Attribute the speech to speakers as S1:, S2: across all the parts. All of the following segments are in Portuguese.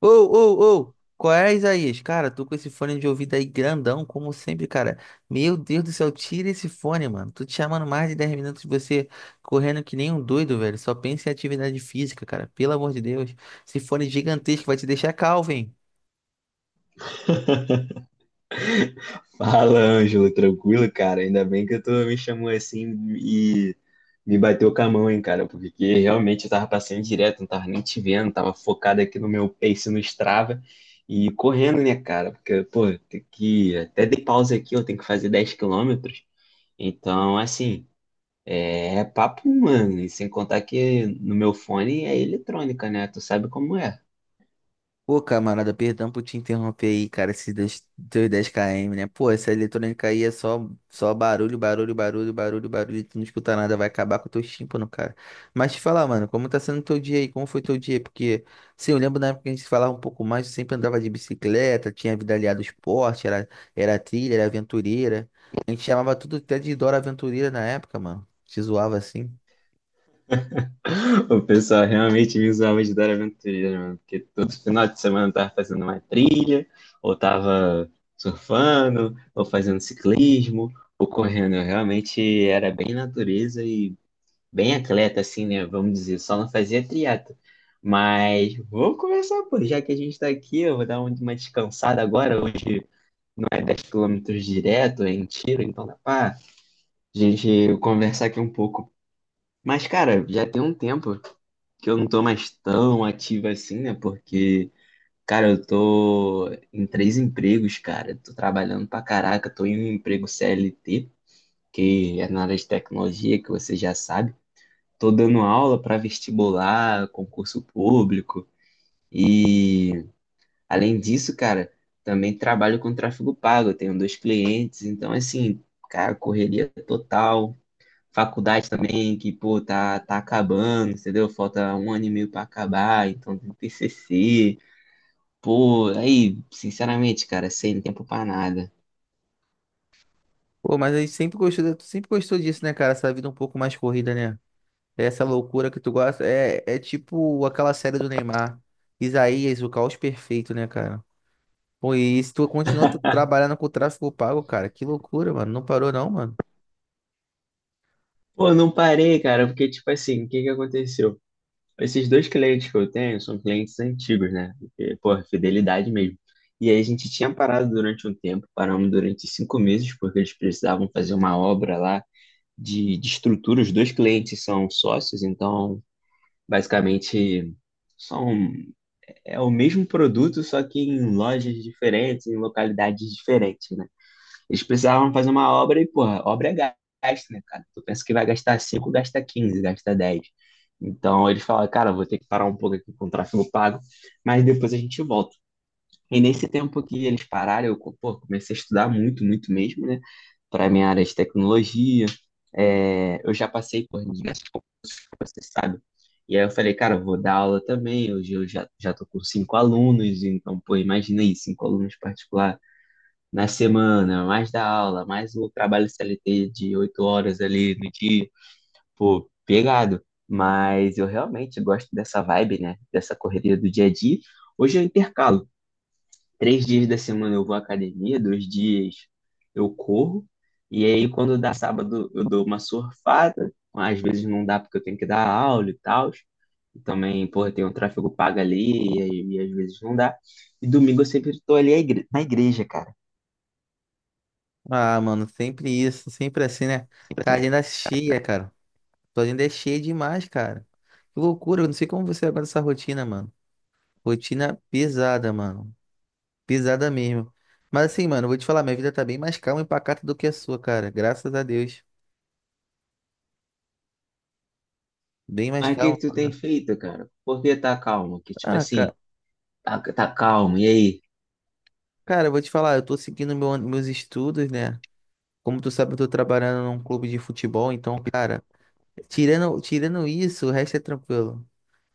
S1: Ô, ô, ô, qual é, Isaías? Cara, tô com esse fone de ouvido aí grandão, como sempre, cara. Meu Deus do céu, tira esse fone, mano. Tô te chamando mais de 10 minutos e você correndo que nem um doido, velho. Só pensa em atividade física, cara. Pelo amor de Deus. Esse fone gigantesco vai te deixar calvo, hein?
S2: Fala, Ângelo, tranquilo, cara? Ainda bem que tu me chamou assim e me bateu com a mão, hein, cara? Porque realmente eu tava passando direto, não tava nem te vendo, tava focado aqui no meu pace no Strava e correndo, né, cara? Porque, pô, tem que... até dei pausa aqui, eu tenho que fazer 10 quilômetros. Então, assim, é papo, mano, e sem contar que no meu fone é eletrônica, né? Tu sabe como é.
S1: Pô, camarada, perdão por te interromper aí, cara, esses dois, teus 10 km, né? Pô, essa eletrônica aí é só barulho, barulho, barulho, barulho, barulho, tu não escuta nada, vai acabar com o teu tímpano, cara. Mas te falar, mano, como tá sendo teu dia aí? Como foi teu dia? Porque, sim, eu lembro na época que a gente falava um pouco mais, eu sempre andava de bicicleta, tinha vida aliada ao esporte, era trilha, era aventureira. A gente chamava tudo até de Dora Aventureira na época, mano. Te zoava assim.
S2: O pessoal realmente me usava de dar aventureiro, mano, porque todo final de semana eu tava fazendo uma trilha, ou tava surfando, ou fazendo ciclismo, ou correndo. Eu realmente era bem natureza e bem atleta, assim, né? Vamos dizer, só não fazia triatlo. Mas vou começar, pô, já que a gente tá aqui, eu vou uma descansada agora. Hoje não é 10 quilômetros direto, é em tiro, então dá pra gente conversar aqui um pouco, mas, cara, já tem um tempo que eu não tô mais tão ativo assim, né? Porque, cara, eu tô em três empregos, cara. Tô trabalhando pra caraca. Tô em um emprego CLT, que é na área de tecnologia, que você já sabe. Tô dando aula pra vestibular, concurso público. E, além disso, cara, também trabalho com tráfego pago. Eu tenho dois clientes, então, assim, cara, correria total, faculdade também, que, pô, tá acabando, entendeu? Falta um ano e meio pra acabar, então tem TCC. Pô, aí, sinceramente, cara, sem tempo pra nada.
S1: Pô, mas a gente sempre gostou disso, né, cara? Essa vida um pouco mais corrida, né? Essa loucura que tu gosta é tipo aquela série do Neymar. Isaías, o caos perfeito, né, cara? Pô, e se tu continua tu trabalhando com o tráfego pago, cara, que loucura, mano. Não parou não, mano.
S2: Pô, não parei, cara, porque, tipo assim, o que que aconteceu? Esses dois clientes que eu tenho são clientes antigos, né? Porque, pô, é fidelidade mesmo. E aí a gente tinha parado durante um tempo, paramos durante cinco meses, porque eles precisavam fazer uma obra lá de estrutura. Os dois clientes são sócios, então, basicamente, são. É o mesmo produto, só que em lojas diferentes, em localidades diferentes, né? Eles precisavam fazer uma obra e, porra, obra é gasto, né, cara? Tu pensa que vai gastar 5, gasta 15, gasta 10. Então eles falaram, cara, vou ter que parar um pouco aqui com o tráfego pago, mas depois a gente volta. E nesse tempo que eles pararam, eu, pô, comecei a estudar muito, muito mesmo, né? Para minha área de tecnologia. É, eu já passei por diversos, você sabe? E aí eu falei, cara, eu vou dar aula também. Hoje eu já tô com cinco alunos, então, pô, imagina aí, cinco alunos particular na semana, mais da aula, mais o trabalho CLT de oito horas ali no dia, pô, pegado. Mas eu realmente gosto dessa vibe, né? Dessa correria do dia a dia. Hoje eu intercalo. Três dias da semana eu vou à academia, dois dias eu corro, e aí quando dá sábado eu dou uma surfada, às vezes não dá porque eu tenho que dar aula e tal, e também, porra, tem um tráfego pago ali, e, e às vezes não dá, e domingo eu sempre tô ali na igreja, cara,
S1: Ah, mano, sempre isso, sempre assim, né?
S2: sempre assim,
S1: Cara, a
S2: né?
S1: agenda é cheia, cara. Tua agenda é cheia demais, cara. Que loucura, eu não sei como você aguenta essa rotina, mano. Rotina pesada, mano. Pesada mesmo. Mas assim, mano, eu vou te falar, minha vida tá bem mais calma e pacata do que a sua, cara. Graças a Deus. Bem mais
S2: Mas o que que tu tem
S1: calma.
S2: feito, cara? Por que tá calmo? Que tipo
S1: Ah, cara.
S2: assim, tá calmo, e aí?
S1: Cara, eu vou te falar, eu tô seguindo meus estudos, né? Como tu sabe, eu tô trabalhando num clube de futebol, então, cara, tirando isso, o resto é tranquilo.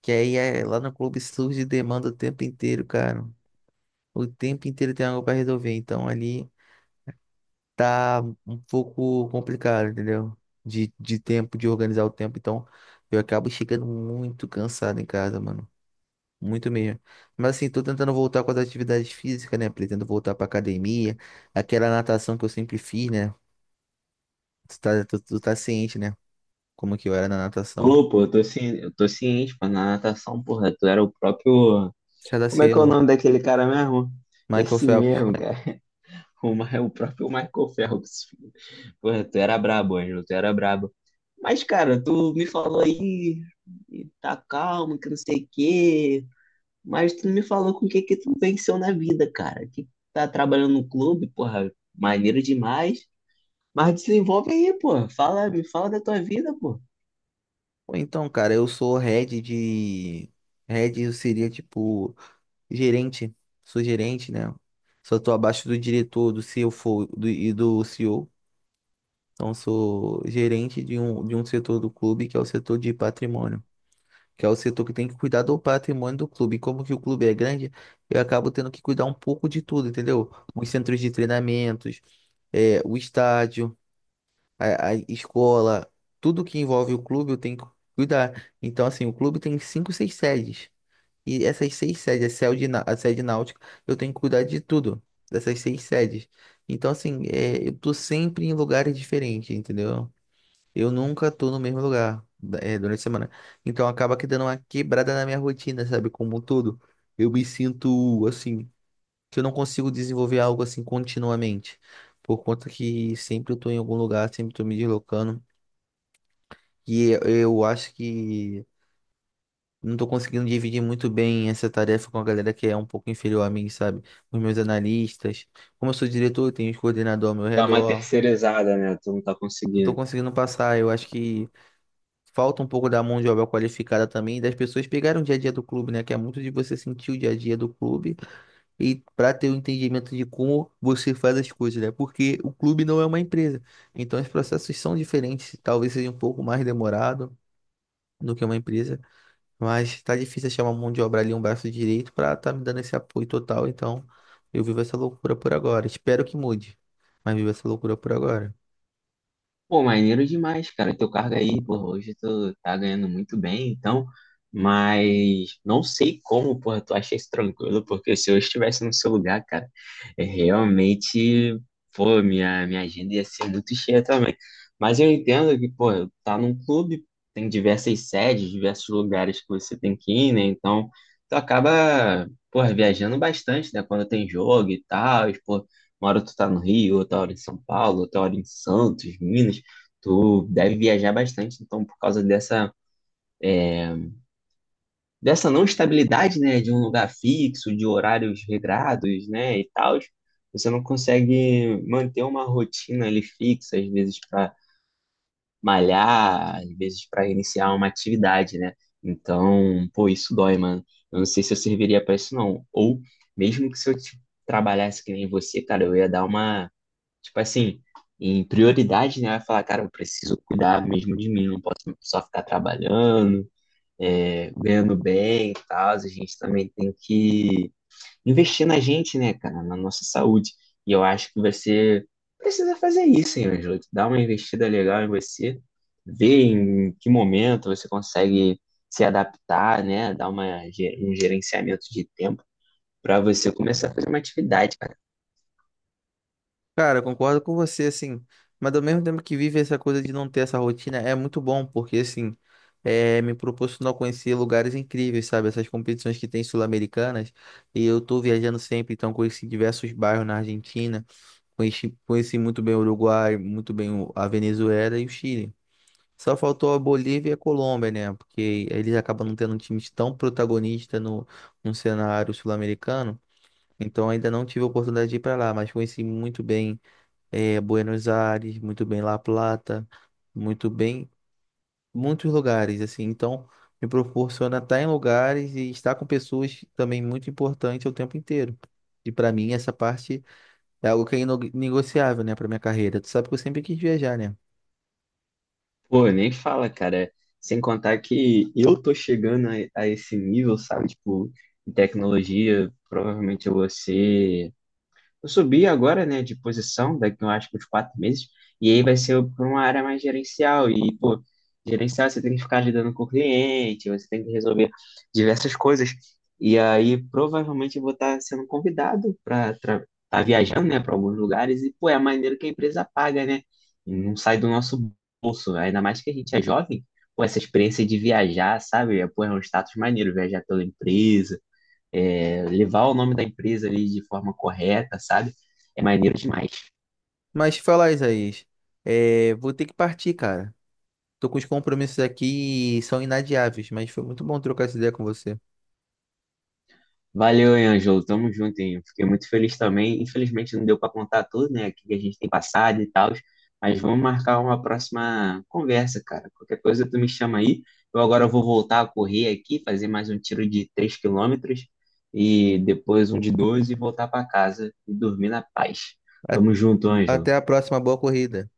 S1: Que aí é, lá no clube surge demanda o tempo inteiro, cara. O tempo inteiro tem algo pra resolver, então ali tá um pouco complicado, entendeu? De tempo, de organizar o tempo, então eu acabo chegando muito cansado em casa, mano. Muito mesmo. Mas assim, tô tentando voltar com as atividades físicas, né? Pretendo voltar pra academia. Aquela natação que eu sempre fiz, né? Tu tá ciente, né? Como que eu era na natação.
S2: Ô, pô, eu tô ciente, pô, na natação, porra, tu era o próprio.
S1: César
S2: Como é que é o
S1: Cielo,
S2: nome daquele cara mesmo?
S1: Michael
S2: Esse
S1: Phelps.
S2: mesmo, cara. O, é o próprio Michael Phelps. Porra, tu era brabo, Ângelo, tu era brabo. Mas, cara, tu me falou aí, e tá calmo, que não sei o quê. Mas tu não me falou com o que que tu venceu na vida, cara. Que tá trabalhando no clube, porra, maneiro demais. Mas desenvolve aí, pô. Fala, me fala da tua vida, pô.
S1: Ou então, cara, eu sou head de. Head eu seria tipo gerente. Sou gerente, né? Só tô abaixo do diretor, do CFO e do CEO. Então, sou gerente de um setor do clube que é o setor de patrimônio. Que é o setor que tem que cuidar do patrimônio do clube. E como que o clube é grande, eu acabo tendo que cuidar um pouco de tudo, entendeu? Os centros de treinamentos, o estádio, a escola, tudo que envolve o clube eu tenho que cuidar. Então, assim, o clube tem cinco, seis sedes. E essas seis sedes, a sede náutica, eu tenho que cuidar de tudo, dessas seis sedes. Então, assim, eu tô sempre em lugares diferentes, entendeu? Eu nunca tô no mesmo lugar durante a semana. Então acaba que dando uma quebrada na minha rotina, sabe? Como um todo. Eu me sinto assim, que eu não consigo desenvolver algo assim continuamente. Por conta que sempre eu tô em algum lugar, sempre tô me deslocando. E eu acho que não tô conseguindo dividir muito bem essa tarefa com a galera que é um pouco inferior a mim, sabe? Os meus analistas. Como eu sou diretor, eu tenho os coordenadores ao meu
S2: Dá uma
S1: redor.
S2: terceirizada, né? Tu não tá
S1: Não tô
S2: conseguindo.
S1: conseguindo passar. Eu acho que falta um pouco da mão de obra qualificada também, das pessoas pegarem o dia a dia do clube, né? Que é muito de você sentir o dia a dia do clube e para ter o entendimento de como você faz as coisas, né? Porque o clube não é uma empresa. Então os processos são diferentes, talvez seja um pouco mais demorado do que uma empresa, mas tá difícil achar uma mão de obra ali, um braço direito para tá me dando esse apoio total. Então eu vivo essa loucura por agora. Espero que mude, mas vivo essa loucura por agora.
S2: Pô, maneiro demais, cara. Teu cargo aí, porra, hoje tu tá ganhando muito bem, então. Mas não sei como, porra, tu acha isso tranquilo, porque se eu estivesse no seu lugar, cara, é realmente, pô, minha agenda ia ser muito cheia também. Mas eu entendo que, pô, tá num clube, tem diversas sedes, diversos lugares que você tem que ir, né? Então, tu acaba, porra, viajando bastante, né? Quando tem jogo e tal, e, pô, uma hora tu tá no Rio, outra hora em São Paulo, outra hora em Santos, Minas. Tu deve viajar bastante, então, por causa dessa, dessa não estabilidade, né, de um lugar fixo, de horários regrados, né, e tal, você não consegue manter uma rotina ali fixa, às vezes para malhar, às vezes para iniciar uma atividade, né? Então, pô, isso dói, mano. Eu não sei se eu serviria para isso, não. Ou, mesmo que se eu t- trabalhasse que nem você, cara, eu ia dar uma. Tipo assim, em prioridade, né? Vai falar, cara, eu preciso cuidar mesmo de mim, não posso só ficar trabalhando, é, ganhando bem e tal. A gente também tem que investir na gente, né, cara, na nossa saúde. E eu acho que você precisa fazer isso, hein, Ângelo? Dar uma investida legal em você, ver em que momento você consegue se adaptar, né? Dar um gerenciamento de tempo para você começar a fazer uma atividade.
S1: Cara, eu concordo com você, assim, mas ao mesmo tempo que vive essa coisa de não ter essa rotina, é muito bom, porque, assim, me proporcionou conhecer lugares incríveis, sabe? Essas competições que tem sul-americanas, e eu tô viajando sempre, então conheci diversos bairros na Argentina, conheci muito bem o Uruguai, a Venezuela e o Chile. Só faltou a Bolívia e a Colômbia, né? Porque eles acabam não tendo um time tão protagonista no cenário sul-americano, então ainda não tive a oportunidade de ir pra lá, mas conheci muito bem Buenos Aires, muito bem La Plata, muito bem, muitos lugares, assim. Então, me proporciona estar em lugares e estar com pessoas também muito importante o tempo inteiro. E para mim, essa parte é algo que é negociável, né, para minha carreira. Tu sabe que eu sempre quis viajar, né?
S2: Pô, nem fala, cara. Sem contar que eu tô chegando a esse nível, sabe? Tipo, em tecnologia, provavelmente eu vou ser. Eu subi agora, né, de posição, daqui eu acho que uns quatro meses, e aí vai ser para uma área mais gerencial. E, pô, gerencial você tem que ficar lidando com o cliente, você tem que resolver diversas coisas. E aí provavelmente eu vou estar sendo convidado para estar viajando, né, para alguns lugares, e, pô, é a maneira que a empresa paga, né? Não sai do nosso bolso, ainda mais que a gente é jovem. Pô, essa experiência de viajar, sabe? É, pô, é um status maneiro viajar pela empresa, é, levar o nome da empresa ali de forma correta, sabe? É maneiro demais.
S1: Mas falar, Isaías, vou ter que partir, cara. Tô com os compromissos aqui e são inadiáveis, mas foi muito bom trocar essa ideia com você.
S2: Valeu, hein, Ângelo. Tamo junto, hein? Fiquei muito feliz também. Infelizmente não deu para contar tudo, né? O que a gente tem passado e tal. Mas vamos marcar uma próxima conversa, cara. Qualquer coisa tu me chama aí. Eu agora vou voltar a correr aqui, fazer mais um tiro de 3 quilômetros e depois um de 12 e voltar para casa e dormir na paz.
S1: A-
S2: Tamo junto, Ângelo.
S1: Até a próxima, boa corrida.